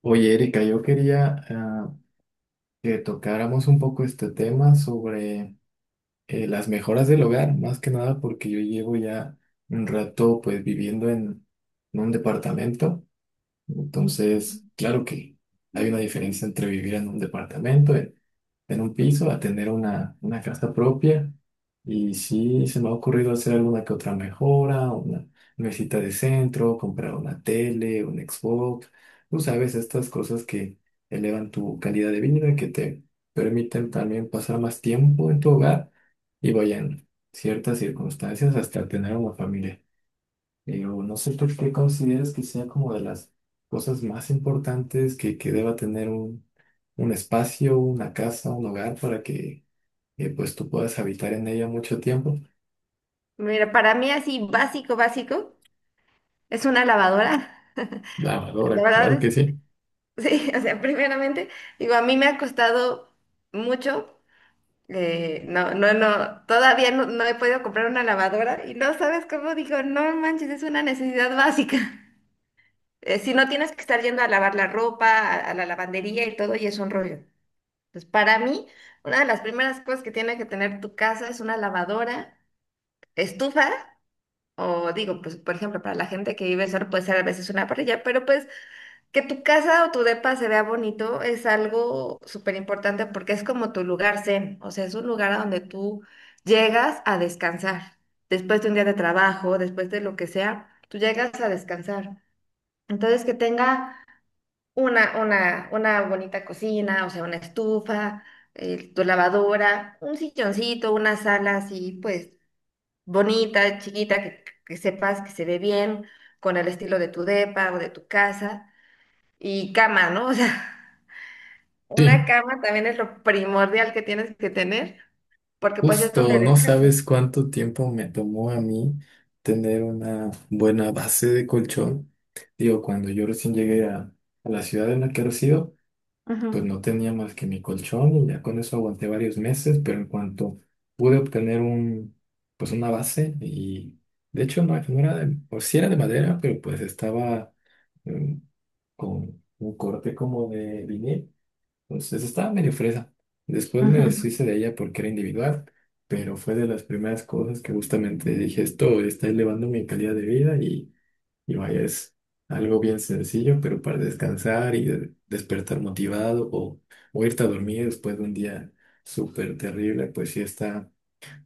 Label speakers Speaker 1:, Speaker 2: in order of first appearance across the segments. Speaker 1: Oye, Erika, yo quería que tocáramos un poco este tema sobre las mejoras del hogar, más que nada porque yo llevo ya un rato pues viviendo en un departamento.
Speaker 2: Ujú.
Speaker 1: Entonces, claro que hay una diferencia entre vivir en un departamento, en un piso, a tener una casa propia. Y sí, se me ha ocurrido hacer alguna que otra mejora, una mesita de centro, comprar una tele, un Xbox. Tú sabes, estas cosas que elevan tu calidad de vida, que te permiten también pasar más tiempo en tu hogar y vayan ciertas circunstancias hasta tener una familia. Pero no sé por qué consideras que sea como de las cosas más importantes que deba tener un espacio, una casa, un hogar para que pues tú puedas habitar en ella mucho tiempo.
Speaker 2: Mira, para mí así básico, básico, es una lavadora. La
Speaker 1: Lavadora,
Speaker 2: verdad
Speaker 1: claro que
Speaker 2: es,
Speaker 1: sí.
Speaker 2: sí, o sea, primeramente, digo, a mí me ha costado mucho. No, no, no, todavía no he podido comprar una lavadora y no sabes cómo digo, no manches, es una necesidad básica. Si no tienes que estar yendo a lavar la ropa, a la lavandería y todo, y es un rollo. Entonces, para mí, una de las primeras cosas que tiene que tener tu casa es una lavadora, estufas. O digo, pues por ejemplo, para la gente que vive solo puede ser a veces una parrilla, pero pues que tu casa o tu depa se vea bonito es algo súper importante porque es como tu lugar zen, o sea, es un lugar a donde tú llegas a descansar. Después de un día de trabajo, después de lo que sea, tú llegas a descansar. Entonces, que tenga una bonita cocina, o sea, una estufa, tu lavadora, un silloncito, una sala así, pues bonita, chiquita, que sepas que se ve bien, con el estilo de tu depa o de tu casa, y cama, ¿no? O sea, una
Speaker 1: Sí,
Speaker 2: cama también es lo primordial que tienes que tener, porque pues es
Speaker 1: justo,
Speaker 2: donde
Speaker 1: no
Speaker 2: descansas.
Speaker 1: sabes cuánto tiempo me tomó a mí tener una buena base de colchón. Digo, cuando yo recién llegué a la ciudad en la que resido, pues
Speaker 2: Ujú,
Speaker 1: no tenía más que mi colchón y ya con eso aguanté varios meses, pero en cuanto pude obtener pues una base, y de hecho no era de, o sí era de madera, pero pues estaba mm, con un corte como de vinil, entonces estaba medio fresa. Después me
Speaker 2: ujú.
Speaker 1: deshice de ella porque era individual, pero fue de las primeras cosas que justamente dije, esto está elevando mi calidad de vida, y vaya, es algo bien sencillo, pero para descansar y despertar motivado o irte a dormir después de un día súper terrible, pues sí está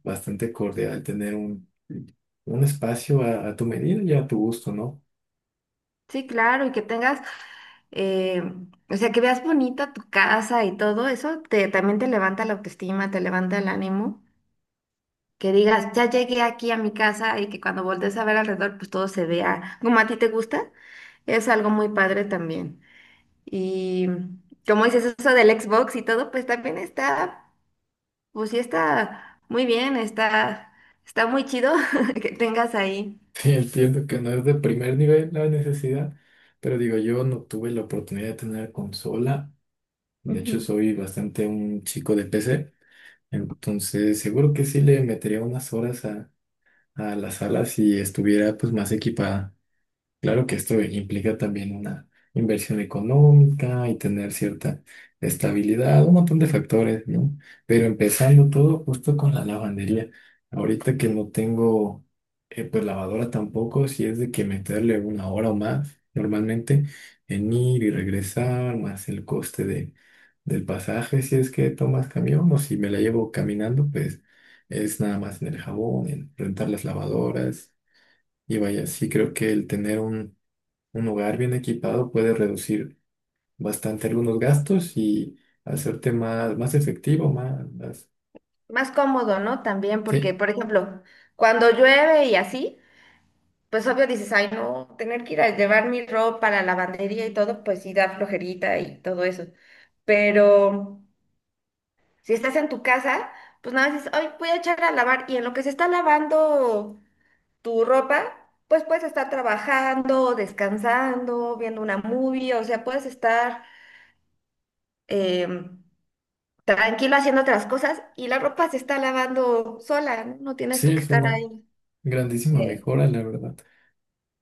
Speaker 1: bastante cordial tener un espacio a tu medida y a tu gusto, ¿no?
Speaker 2: Sí, claro, y que tengas, eh, o sea, que veas bonita tu casa y todo eso, te, también te levanta la autoestima, te levanta el ánimo. Que digas, ya llegué aquí a mi casa y que cuando voltees a ver alrededor, pues todo se vea como a ti te gusta, es algo muy padre también. Y como dices eso del Xbox y todo, pues también está, pues sí está muy bien, está, está muy chido que tengas ahí.
Speaker 1: Sí, entiendo que no es de primer nivel la necesidad, pero digo, yo no tuve la oportunidad de tener consola. De hecho,
Speaker 2: Ujú.
Speaker 1: soy bastante un chico de PC, entonces seguro que sí le metería unas horas a la sala si estuviera pues más equipada. Claro que esto implica también una inversión económica y tener cierta estabilidad, un montón de factores, ¿no? Pero empezando todo justo con la lavandería. Ahorita que no tengo, pues lavadora tampoco, si es de que meterle una hora o más normalmente en ir y regresar, más el coste del pasaje, si es que tomas camión o si me la llevo caminando, pues es nada más en el jabón, en rentar las lavadoras. Y vaya, sí creo que el tener un hogar bien equipado puede reducir bastante algunos gastos y hacerte más efectivo.
Speaker 2: Más cómodo, ¿no? También, porque,
Speaker 1: Sí,
Speaker 2: por ejemplo, cuando llueve y así, pues obvio dices, ay, no, tener que ir a llevar mi ropa a la lavandería y todo, pues sí da flojerita y todo eso. Pero si estás en tu casa, pues nada más dices, ay, voy a echar a lavar. Y en lo que se está lavando tu ropa, pues puedes estar trabajando, descansando, viendo una movie, o sea, puedes estar em, tranquilo haciendo otras cosas y la ropa se está lavando sola, ¿no? No tienes
Speaker 1: sí,
Speaker 2: tú que
Speaker 1: es
Speaker 2: estar
Speaker 1: una
Speaker 2: ahí.
Speaker 1: grandísima
Speaker 2: eh,
Speaker 1: mejora, la verdad.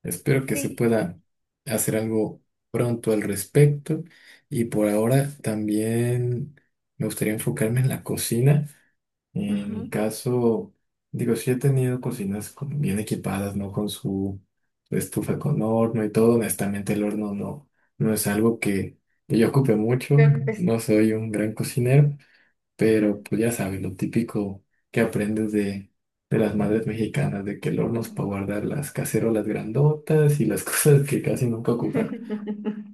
Speaker 1: Espero que se
Speaker 2: sí,
Speaker 1: pueda hacer algo pronto al respecto. Y por ahora también me gustaría enfocarme en la cocina. En
Speaker 2: ujú.
Speaker 1: mi
Speaker 2: Yo
Speaker 1: caso, digo, sí he tenido cocinas bien equipadas, ¿no? Con su estufa con horno y todo. Honestamente, el horno no es algo que yo ocupe mucho.
Speaker 2: creo que pues.
Speaker 1: No soy un gran cocinero, pero pues ya sabes, lo típico que aprendes de las madres mexicanas, de que el horno es para guardar las cacerolas grandotas y las cosas que casi nunca ocupan.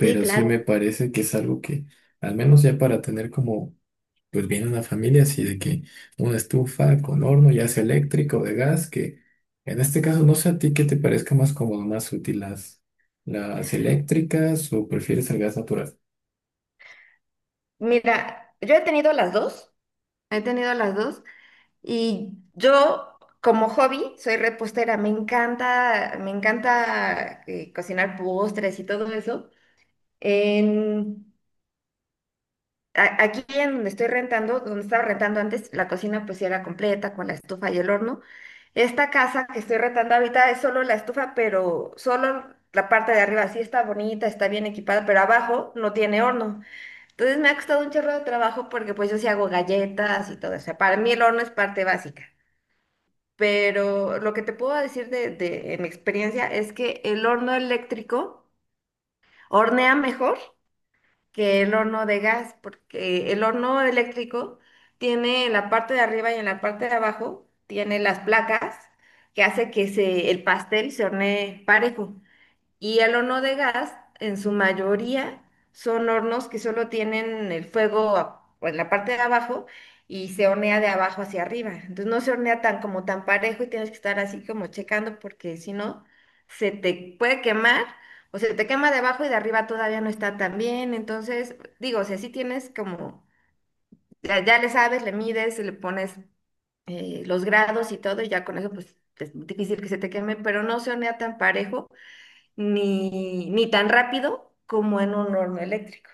Speaker 2: Sí,
Speaker 1: sí me
Speaker 2: claro.
Speaker 1: parece que es algo que, al menos ya para tener como pues viene una familia, así de que una estufa con horno, ya sea eléctrico o de gas, que en este caso no sé a ti qué te parezca más cómodo, más útil las eléctricas, o prefieres el gas natural.
Speaker 2: Mira, yo he tenido las dos, he tenido las dos y yo como hobby soy repostera, me encanta cocinar postres y todo eso. En, Aquí en donde estoy rentando, donde estaba rentando antes, la cocina pues sí era completa con la estufa y el horno. Esta casa que estoy rentando ahorita es solo la estufa, pero solo la parte de arriba sí está bonita, está bien equipada, pero abajo no tiene horno. Entonces me ha costado un chorro de trabajo porque pues yo sí hago galletas y todo. O sea, para mí el horno es parte básica. Pero lo que te puedo decir de mi experiencia es que el horno eléctrico hornea mejor que el horno de gas, porque el horno eléctrico tiene en la parte de arriba y en la parte de abajo, tiene las placas que hace que se, el pastel se hornee parejo. Y el horno de gas, en su mayoría, son hornos que solo tienen el fuego en la parte de abajo y se hornea de abajo hacia arriba. Entonces no se hornea tan como tan parejo y tienes que estar así como checando porque si no, se te puede quemar o se te quema de abajo y de arriba todavía no está tan bien. Entonces, digo, o sea, sí tienes como, ya le sabes, le mides, le pones los grados y todo y ya con eso pues es difícil que se te queme, pero no se hornea tan parejo ni tan rápido como en un horno eléctrico.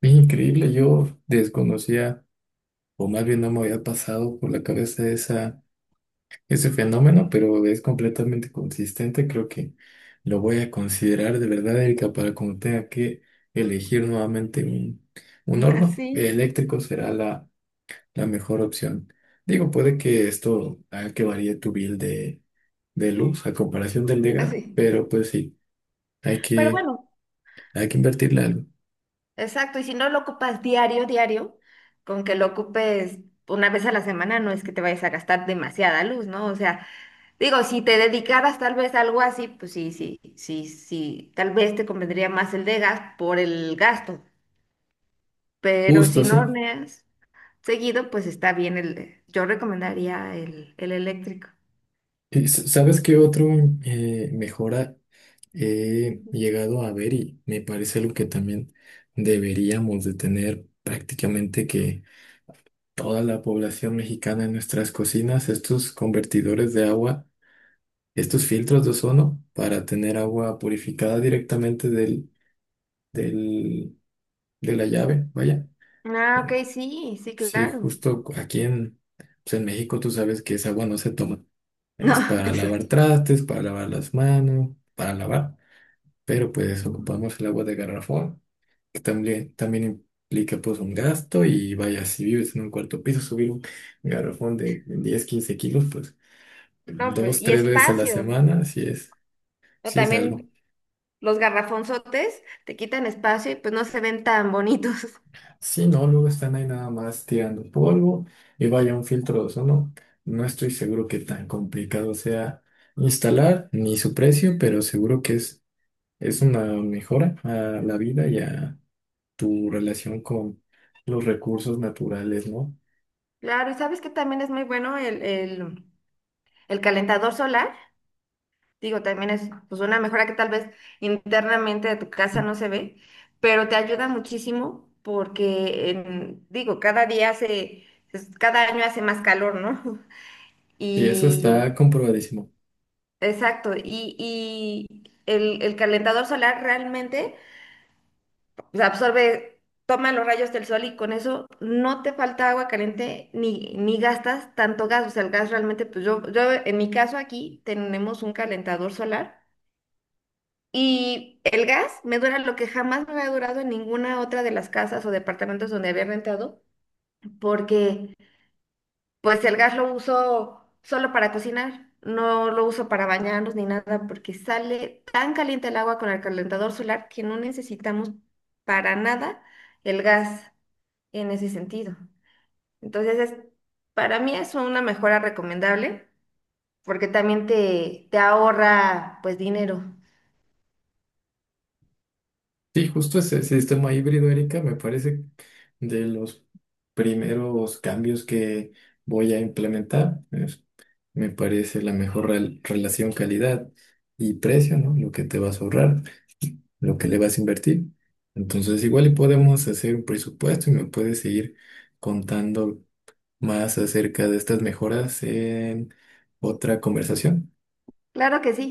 Speaker 1: Es increíble, yo desconocía o más bien no me había pasado por la cabeza ese fenómeno, pero es completamente consistente. Creo que lo voy a considerar de verdad, Erika. Para cuando tenga que elegir nuevamente un horno
Speaker 2: Así,
Speaker 1: eléctrico, será la mejor opción. Digo, puede que esto haga que varíe tu bill de luz a comparación del de
Speaker 2: así.
Speaker 1: pero pues sí, hay
Speaker 2: Pero
Speaker 1: que,
Speaker 2: bueno,
Speaker 1: hay que invertirle algo.
Speaker 2: exacto. Y si no lo ocupas diario, diario, con que lo ocupes una vez a la semana, no es que te vayas a gastar demasiada luz, ¿no? O sea, digo, si te dedicaras tal vez a algo así, pues sí, sí, sí, sí. Tal vez te convendría más el de gas por el gasto. Pero si
Speaker 1: Justo,
Speaker 2: no
Speaker 1: sí.
Speaker 2: horneas seguido, pues está bien yo recomendaría el eléctrico.
Speaker 1: Y ¿sabes qué otro mejora he
Speaker 2: Ujú.
Speaker 1: llegado a ver y me parece algo que también deberíamos de tener prácticamente que toda la población mexicana en nuestras cocinas? Estos convertidores de agua, estos filtros de ozono para tener agua purificada directamente del, de la llave, vaya.
Speaker 2: Ah,
Speaker 1: Eh,
Speaker 2: ok, sí, sí,
Speaker 1: Sí,
Speaker 2: claro.
Speaker 1: justo aquí pues en México tú sabes que esa agua no se toma.
Speaker 2: No,
Speaker 1: Es para lavar
Speaker 2: exacto.
Speaker 1: trastes, para lavar las manos, para lavar. Pero pues ocupamos el agua de garrafón, que también implica pues un gasto, y vaya, si vives en un cuarto piso, subir un garrafón de 10 15 kilos, pues
Speaker 2: No, pues,
Speaker 1: dos,
Speaker 2: y
Speaker 1: tres veces a la
Speaker 2: espacio,
Speaker 1: semana, si es,
Speaker 2: ¿no?
Speaker 1: sí es algo.
Speaker 2: También los garrafonzotes te quitan espacio y pues no se ven tan bonitos.
Speaker 1: Sí, no, luego están ahí nada más tirando polvo, y vaya, un filtro de ozono. No estoy seguro que tan complicado sea instalar ni su precio, pero seguro que es una mejora a la vida y a tu relación con los recursos naturales, ¿no?
Speaker 2: Claro, ¿sabes que también es muy bueno el calentador solar? Digo, también es pues una mejora que tal vez internamente de tu casa no se ve, pero te ayuda muchísimo porque, digo, cada día hace, cada año hace más calor, ¿no?
Speaker 1: Y eso
Speaker 2: Y,
Speaker 1: está comprobadísimo.
Speaker 2: exacto, y el calentador solar realmente. O sea, absorbe, toma los rayos del sol y con eso no te falta agua caliente ni gastas tanto gas. O sea, el gas realmente, pues yo en mi caso aquí tenemos un calentador solar y el gas me dura lo que jamás me había durado en ninguna otra de las casas o departamentos donde había rentado, porque pues el gas lo uso solo para cocinar. No lo uso para bañarnos ni nada porque sale tan caliente el agua con el calentador solar que no necesitamos para nada el gas en ese sentido. Entonces, es, para mí es una mejora recomendable porque también te ahorra pues dinero.
Speaker 1: Sí, justo ese sistema híbrido, Erika, me parece de los primeros cambios que voy a implementar. Me parece la mejor relación calidad y precio, ¿no? Lo que te vas a ahorrar, lo que le vas a invertir. Entonces, igual y podemos hacer un presupuesto y me puedes seguir contando más acerca de estas mejoras en otra conversación.
Speaker 2: Claro que sí.